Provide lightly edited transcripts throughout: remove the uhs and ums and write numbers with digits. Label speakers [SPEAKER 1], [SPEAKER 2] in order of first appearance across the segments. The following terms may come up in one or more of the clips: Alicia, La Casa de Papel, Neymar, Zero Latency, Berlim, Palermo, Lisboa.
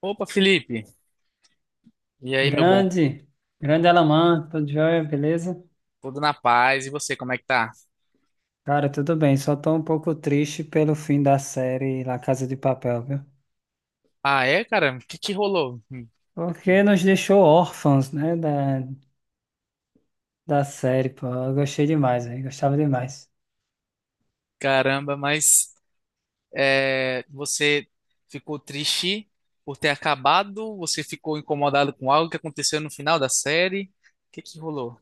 [SPEAKER 1] Opa, Felipe. E aí, meu bom?
[SPEAKER 2] Grande, grande Alamã, tudo jóia, beleza?
[SPEAKER 1] Tudo na paz? E você, como é que tá?
[SPEAKER 2] Cara, tudo bem, só tô um pouco triste pelo fim da série La Casa de Papel, viu?
[SPEAKER 1] Ah, é, cara? O que que rolou? Hum.
[SPEAKER 2] Porque nos deixou órfãos, né, da série, pô, eu gostei demais, velho, gostava demais.
[SPEAKER 1] Caramba, mas é, você ficou triste por ter acabado? Você ficou incomodado com algo que aconteceu no final da série? O que que rolou?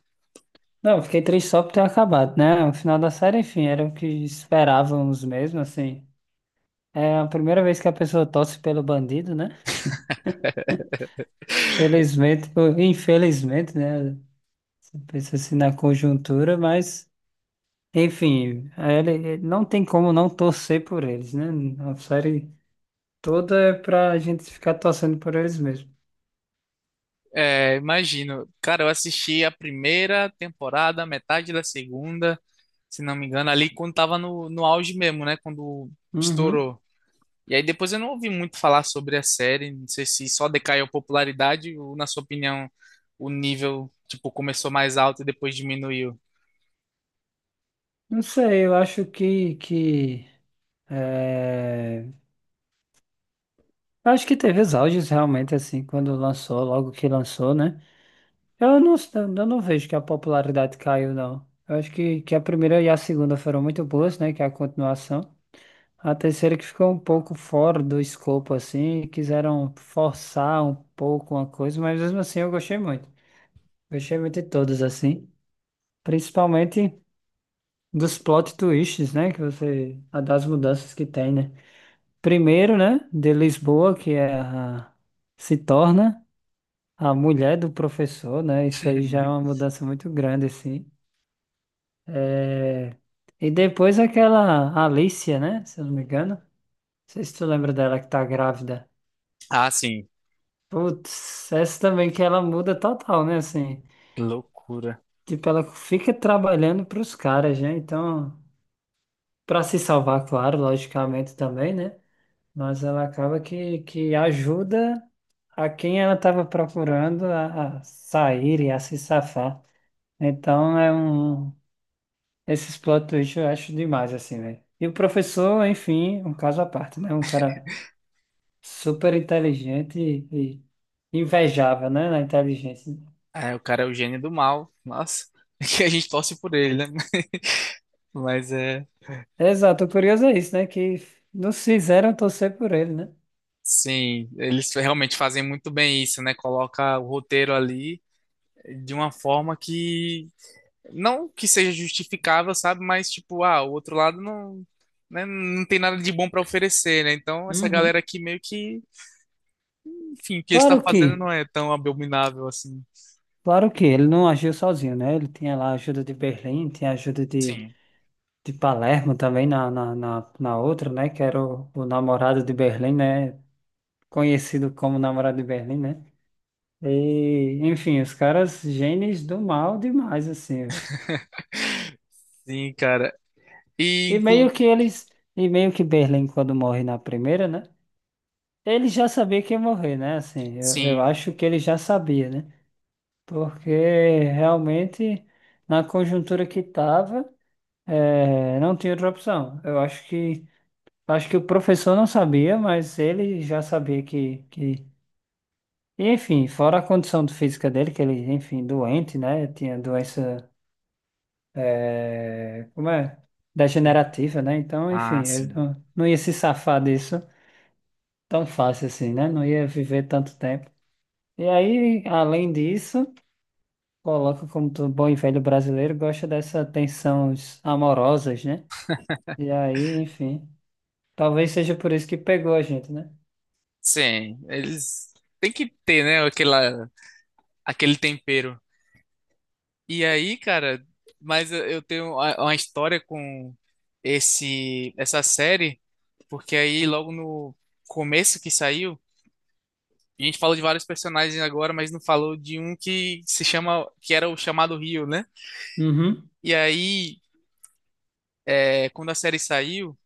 [SPEAKER 2] Não, eu fiquei triste só por ter acabado, né, o final da série, enfim, era o que esperávamos mesmo, assim. É a primeira vez que a pessoa torce pelo bandido, né? Felizmente, ou infelizmente, né, você pensa assim na conjuntura, mas... Enfim, não tem como não torcer por eles, né? A série toda é pra gente ficar torcendo por eles mesmo.
[SPEAKER 1] É, imagino. Cara, eu assisti a primeira temporada, metade da segunda, se não me engano, ali quando tava no auge mesmo, né? Quando
[SPEAKER 2] Uhum.
[SPEAKER 1] estourou. E aí depois eu não ouvi muito falar sobre a série, não sei se só decaiu a popularidade ou, na sua opinião, o nível, tipo, começou mais alto e depois diminuiu.
[SPEAKER 2] Não sei, eu acho que é, eu acho que teve os auges realmente, assim, quando lançou, logo que lançou, né? Eu não, eu não vejo que a popularidade caiu, não. Eu acho que a primeira e a segunda foram muito boas, né? Que é a continuação. A terceira que ficou um pouco fora do escopo, assim, quiseram forçar um pouco uma coisa, mas mesmo assim eu gostei muito. Gostei muito de todas, assim. Principalmente dos plot twists, né? Que você. A Das mudanças que tem, né? Primeiro, né? De Lisboa, que é a, se torna a mulher do professor, né? Isso aí já é uma mudança muito grande, assim. É, e depois aquela Alicia, né? Se eu não me engano. Não sei se tu lembra dela que tá grávida.
[SPEAKER 1] Ah, sim,
[SPEAKER 2] Putz, essa também que ela muda total, né? Assim,
[SPEAKER 1] que loucura.
[SPEAKER 2] tipo, ela fica trabalhando pros caras, né? Então, pra se salvar, claro, logicamente também, né? Mas ela acaba que ajuda a quem ela tava procurando a sair e a se safar. Então, é um. Esses plot twists eu acho demais, assim, velho. E o professor, enfim, um caso à parte, né? Um cara super inteligente e invejável, né? Na inteligência.
[SPEAKER 1] É, o cara é o gênio do mal, nossa, que a gente torce por ele, né? Mas é,
[SPEAKER 2] Exato, o curioso é isso, né? Que nos fizeram torcer por ele, né?
[SPEAKER 1] sim, eles realmente fazem muito bem isso, né? Coloca o roteiro ali de uma forma que não que seja justificável, sabe? Mas, tipo, ah, o outro lado não, né, não tem nada de bom pra oferecer, né? Então, essa galera
[SPEAKER 2] Uhum.
[SPEAKER 1] aqui meio que, enfim, o que ele está
[SPEAKER 2] Claro
[SPEAKER 1] fazendo
[SPEAKER 2] que,
[SPEAKER 1] não é tão abominável assim.
[SPEAKER 2] claro que ele não agiu sozinho, né? Ele tinha lá a ajuda de Berlim, tinha a ajuda
[SPEAKER 1] Sim.
[SPEAKER 2] de Palermo também na outra, né? Que era o namorado de Berlim, né? Conhecido como namorado de Berlim, né? E, enfim, os caras gênios do mal demais, assim, velho.
[SPEAKER 1] Sim, cara. E,
[SPEAKER 2] E
[SPEAKER 1] inclu...
[SPEAKER 2] meio que eles, e meio que Berlim, quando morre na primeira, né? Ele já sabia que ia morrer, né? Assim, eu
[SPEAKER 1] Sim.
[SPEAKER 2] acho que ele já sabia, né? Porque realmente, na conjuntura que estava, não tinha outra opção. Eu acho que o professor não sabia, mas ele já sabia que... E, enfim, fora a condição de física dele, que ele, enfim, doente, né? Tinha doença, é, como é? Degenerativa, né? Então,
[SPEAKER 1] Ah,
[SPEAKER 2] enfim, ele
[SPEAKER 1] sim.
[SPEAKER 2] não, não ia se safar disso tão fácil assim, né? Não ia viver tanto tempo. E aí, além disso... Coloca como todo bom e velho brasileiro gosta dessas tensões amorosas, né? E aí, enfim. Talvez seja por isso que pegou a gente, né?
[SPEAKER 1] Sim, eles têm que ter, né, aquela, aquele tempero. E aí, cara, mas eu tenho uma história com esse essa série, porque aí logo no começo que saiu, a gente falou de vários personagens agora, mas não falou de um que se chama, que era o chamado Rio, né?
[SPEAKER 2] Uhum.
[SPEAKER 1] E aí, é, quando a série saiu,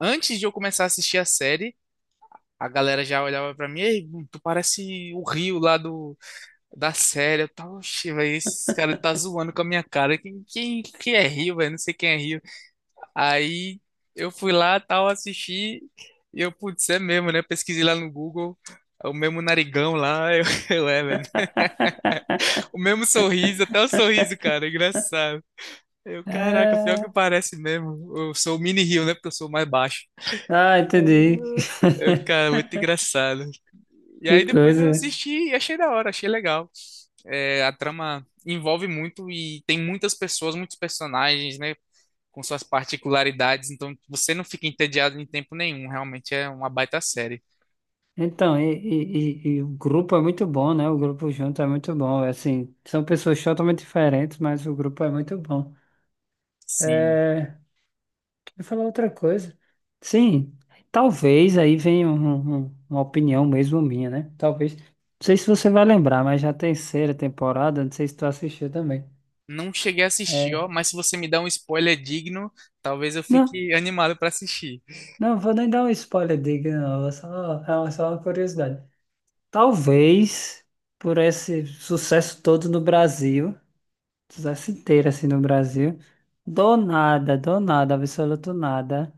[SPEAKER 1] antes de eu começar a assistir a série, a galera já olhava pra mim, ei, tu parece o Rio lá do, da série. Eu tava, oxe, velho, esse cara tá zoando com a minha cara. Quem é Rio, velho? Não sei quem é Rio. Aí eu fui lá, tal, assisti, e eu, putz, é mesmo, né? Eu pesquisei lá no Google, é o mesmo narigão lá, eu é, velho. O mesmo sorriso, até o sorriso, cara, é engraçado. Eu, caraca, pior que
[SPEAKER 2] É.
[SPEAKER 1] parece mesmo. Eu sou o mini Rio, né? Porque eu sou mais baixo.
[SPEAKER 2] Ah, entendi.
[SPEAKER 1] Eu, cara, muito engraçado. E
[SPEAKER 2] Que
[SPEAKER 1] aí depois eu
[SPEAKER 2] coisa.
[SPEAKER 1] assisti e achei da hora, achei legal. É, a trama envolve muito e tem muitas pessoas, muitos personagens, né? Com suas particularidades, então você não fica entediado em tempo nenhum, realmente é uma baita série.
[SPEAKER 2] Então, e o grupo é muito bom, né? O grupo junto é muito bom. Assim, são pessoas totalmente diferentes, mas o grupo é muito bom.
[SPEAKER 1] Sim.
[SPEAKER 2] É, eu ia falar outra coisa. Sim, talvez aí venha uma opinião mesmo minha, né? Talvez. Não sei se você vai lembrar, mas já a terceira temporada, não sei se tu assistiu também.
[SPEAKER 1] Não cheguei a assistir, ó,
[SPEAKER 2] É.
[SPEAKER 1] mas se você me dá um spoiler digno, talvez eu
[SPEAKER 2] Não,
[SPEAKER 1] fique animado pra assistir.
[SPEAKER 2] não vou nem dar um spoiler, diga, não. É só, só uma curiosidade. Talvez por esse sucesso todo no Brasil, sucesso inteiro assim no Brasil, do nada, absoluto nada.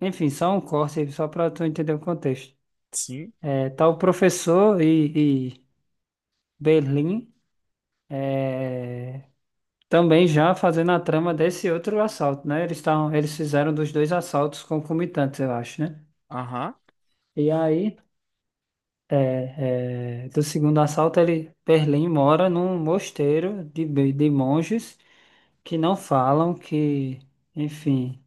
[SPEAKER 2] Enfim, só um corte só para tu entender o contexto.
[SPEAKER 1] Sim.
[SPEAKER 2] É, tá o professor e Berlim é, também já fazendo a trama desse outro assalto, né? Eles estavam, eles fizeram dos dois assaltos concomitantes, eu acho, né?
[SPEAKER 1] Aham.
[SPEAKER 2] E aí, do segundo assalto, ele, Berlim mora num mosteiro de, de monges que não falam, que, enfim,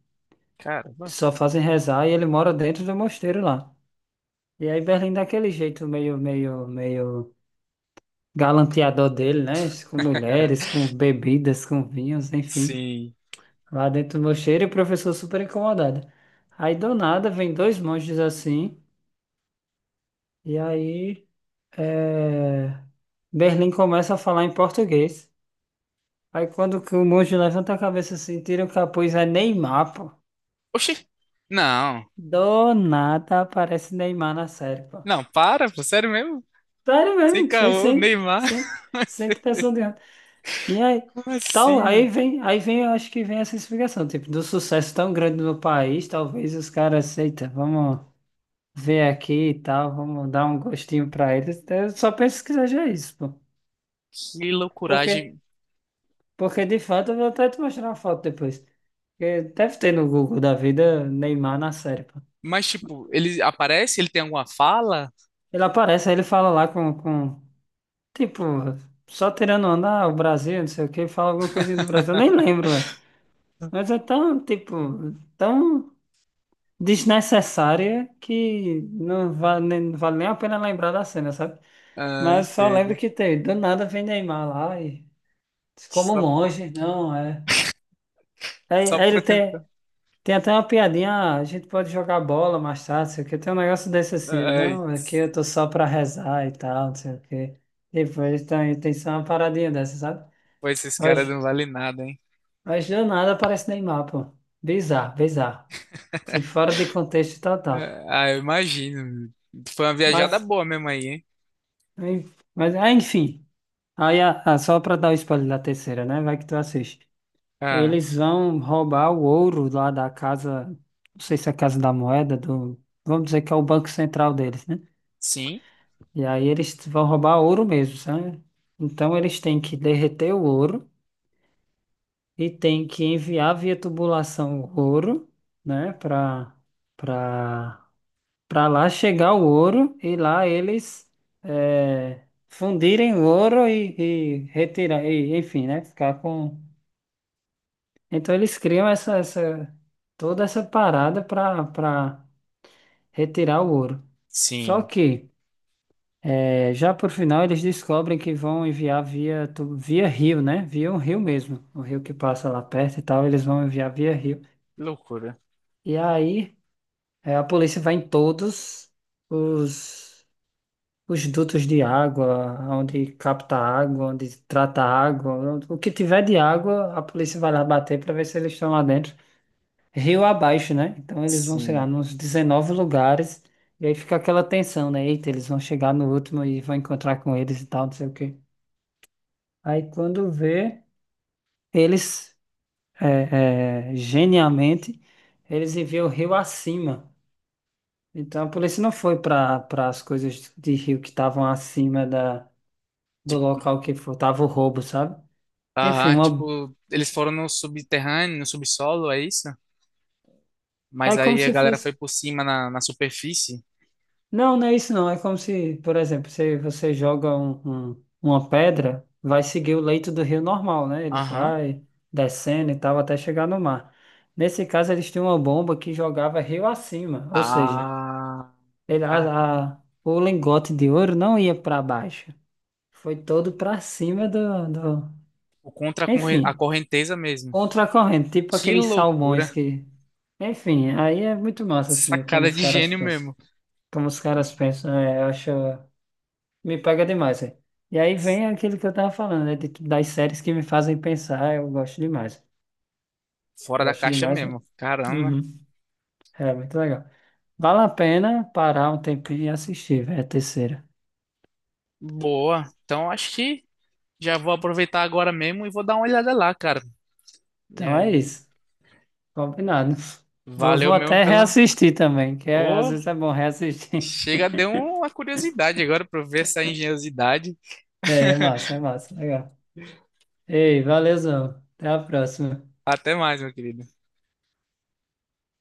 [SPEAKER 1] Caramba.
[SPEAKER 2] só fazem rezar e ele mora dentro do mosteiro lá. E aí Berlim daquele jeito meio galanteador dele, né? Com mulheres, com bebidas, com vinhos, enfim.
[SPEAKER 1] Sim.
[SPEAKER 2] Lá dentro do mosteiro e o professor super incomodado. Aí do nada vem dois monges assim, e aí é, Berlim começa a falar em português. Aí quando que o monge levanta a cabeça assim, tira o capuz, é Neymar, pô.
[SPEAKER 1] Oxi. Não.
[SPEAKER 2] Do nada aparece Neymar na série, pô.
[SPEAKER 1] Não, para, pô, sério mesmo?
[SPEAKER 2] Sério
[SPEAKER 1] Sem
[SPEAKER 2] mesmo, sem,
[SPEAKER 1] caô,
[SPEAKER 2] sem,
[SPEAKER 1] Neymar.
[SPEAKER 2] sem, sem pressão de E aí,
[SPEAKER 1] Como
[SPEAKER 2] tal,
[SPEAKER 1] assim? Velho?
[SPEAKER 2] aí vem, eu acho que vem essa explicação, tipo, do sucesso tão grande no país, talvez os caras, aceitem vamos ver aqui e tal, vamos dar um gostinho pra eles. Eu só penso que seja isso, pô.
[SPEAKER 1] Que
[SPEAKER 2] Porque,
[SPEAKER 1] loucuragem.
[SPEAKER 2] porque de fato, eu vou até te mostrar uma foto depois. Porque deve ter no Google da vida Neymar na série, pô.
[SPEAKER 1] Mas, tipo, ele aparece? Ele tem alguma fala?
[SPEAKER 2] Ele aparece, aí ele fala lá com tipo, só tirando onda, ah, o Brasil, não sei o que, fala alguma coisinha do Brasil, eu nem lembro, velho. Mas é tão, tipo, tão. Desnecessária que não vale, não vale nem a pena lembrar da cena, sabe?
[SPEAKER 1] Ah,
[SPEAKER 2] Mas só
[SPEAKER 1] entendo.
[SPEAKER 2] lembro que tem, do nada vem Neymar lá e diz, como um
[SPEAKER 1] Só,
[SPEAKER 2] monge, não é. Aí,
[SPEAKER 1] só
[SPEAKER 2] aí
[SPEAKER 1] pra
[SPEAKER 2] ele tem,
[SPEAKER 1] tentar.
[SPEAKER 2] tem até uma piadinha, "Ah, a gente pode jogar bola mais tarde, não sei o quê. Tem um negócio desse assim, ele,
[SPEAKER 1] Ai.
[SPEAKER 2] não, é que eu tô só pra rezar e tal, não sei o quê. Tipo, ele tem, tem só uma paradinha dessa, sabe?
[SPEAKER 1] Pô, esses caras
[SPEAKER 2] Mas,
[SPEAKER 1] não valem nada, hein?
[SPEAKER 2] mas do nada aparece Neymar, pô. Bizarro, bizarro. Se fora de contexto total.
[SPEAKER 1] É, ah, eu imagino. Foi uma viajada
[SPEAKER 2] Mas,
[SPEAKER 1] boa mesmo aí, hein?
[SPEAKER 2] mas, mas, ah, enfim. Aí, só pra dar o spoiler da terceira, né? Vai que tu assiste.
[SPEAKER 1] Ah,
[SPEAKER 2] Eles vão roubar o ouro lá da casa, não sei se é a casa da moeda, do, vamos dizer que é o banco central deles, né?
[SPEAKER 1] sim,
[SPEAKER 2] E aí eles vão roubar ouro mesmo, sabe? Então eles têm que derreter o ouro e têm que enviar via tubulação o ouro, né? Pra, pra lá chegar o ouro e lá eles eh, fundirem o ouro e retirar, e, enfim, né? Ficar com. Então eles criam essa toda essa parada para retirar o ouro. Só
[SPEAKER 1] sim.
[SPEAKER 2] que eh, já por final eles descobrem que vão enviar via rio, né? Via um rio mesmo, o rio que passa lá perto e tal, eles vão enviar via rio.
[SPEAKER 1] Que loucura.
[SPEAKER 2] E aí eh, a polícia vai em todos os os dutos de água, onde capta água, onde trata água, o que tiver de água, a polícia vai lá bater para ver se eles estão lá dentro. Rio abaixo, né? Então eles vão chegar
[SPEAKER 1] Sim.
[SPEAKER 2] nos 19 lugares e aí fica aquela tensão, né? Eita, eles vão chegar no último e vão encontrar com eles e tal, não sei o quê. Aí quando vê, eles, genialmente, eles enviam o rio acima. Então a polícia não foi para as coisas de rio que estavam acima da, do
[SPEAKER 1] Tipo,
[SPEAKER 2] local que foi tava o roubo, sabe? Enfim,
[SPEAKER 1] aham,
[SPEAKER 2] uma,
[SPEAKER 1] tipo, eles foram no subterrâneo, no subsolo, é isso?
[SPEAKER 2] é
[SPEAKER 1] Mas
[SPEAKER 2] como
[SPEAKER 1] aí a
[SPEAKER 2] se
[SPEAKER 1] galera
[SPEAKER 2] fosse.
[SPEAKER 1] foi por cima na superfície.
[SPEAKER 2] Não, não é isso não. É como se, por exemplo, se você joga um, uma pedra, vai seguir o leito do rio normal, né? Ele
[SPEAKER 1] Aham.
[SPEAKER 2] vai descendo e tal até chegar no mar. Nesse caso, eles tinham uma bomba que jogava rio acima, ou seja,
[SPEAKER 1] Ah,
[SPEAKER 2] ele,
[SPEAKER 1] cara,
[SPEAKER 2] a, o lingote de ouro não ia para baixo, foi todo para cima do, do...
[SPEAKER 1] por contra a corren- a
[SPEAKER 2] Enfim,
[SPEAKER 1] correnteza mesmo.
[SPEAKER 2] contra a corrente, tipo
[SPEAKER 1] Que
[SPEAKER 2] aqueles salmões
[SPEAKER 1] loucura.
[SPEAKER 2] que... Enfim, aí é muito massa, assim, como
[SPEAKER 1] Sacada
[SPEAKER 2] os
[SPEAKER 1] de
[SPEAKER 2] caras
[SPEAKER 1] gênio
[SPEAKER 2] pensam.
[SPEAKER 1] mesmo.
[SPEAKER 2] Como os caras pensam, é, eu acho. Me pega demais, é. E aí vem aquilo que eu tava falando, né? de- das séries que me fazem pensar, eu gosto demais.
[SPEAKER 1] Fora da
[SPEAKER 2] Gosto
[SPEAKER 1] caixa
[SPEAKER 2] demais, velho.
[SPEAKER 1] mesmo. Caramba.
[SPEAKER 2] Uhum. É muito legal. Vale a pena parar um tempinho e assistir, velho, a terceira.
[SPEAKER 1] Boa. Então acho que. Já vou aproveitar agora mesmo e vou dar uma olhada lá, cara. E
[SPEAKER 2] Então é
[SPEAKER 1] aí,
[SPEAKER 2] isso. Combinado. Vou,
[SPEAKER 1] valeu
[SPEAKER 2] vou
[SPEAKER 1] mesmo
[SPEAKER 2] até
[SPEAKER 1] pela.
[SPEAKER 2] reassistir também, às
[SPEAKER 1] Ô,
[SPEAKER 2] vezes é bom reassistir.
[SPEAKER 1] chega, deu uma curiosidade agora pra eu ver essa engenhosidade.
[SPEAKER 2] É, é massa, é massa. Legal. Ei, valeuzão. Até a próxima.
[SPEAKER 1] Até mais, meu querido.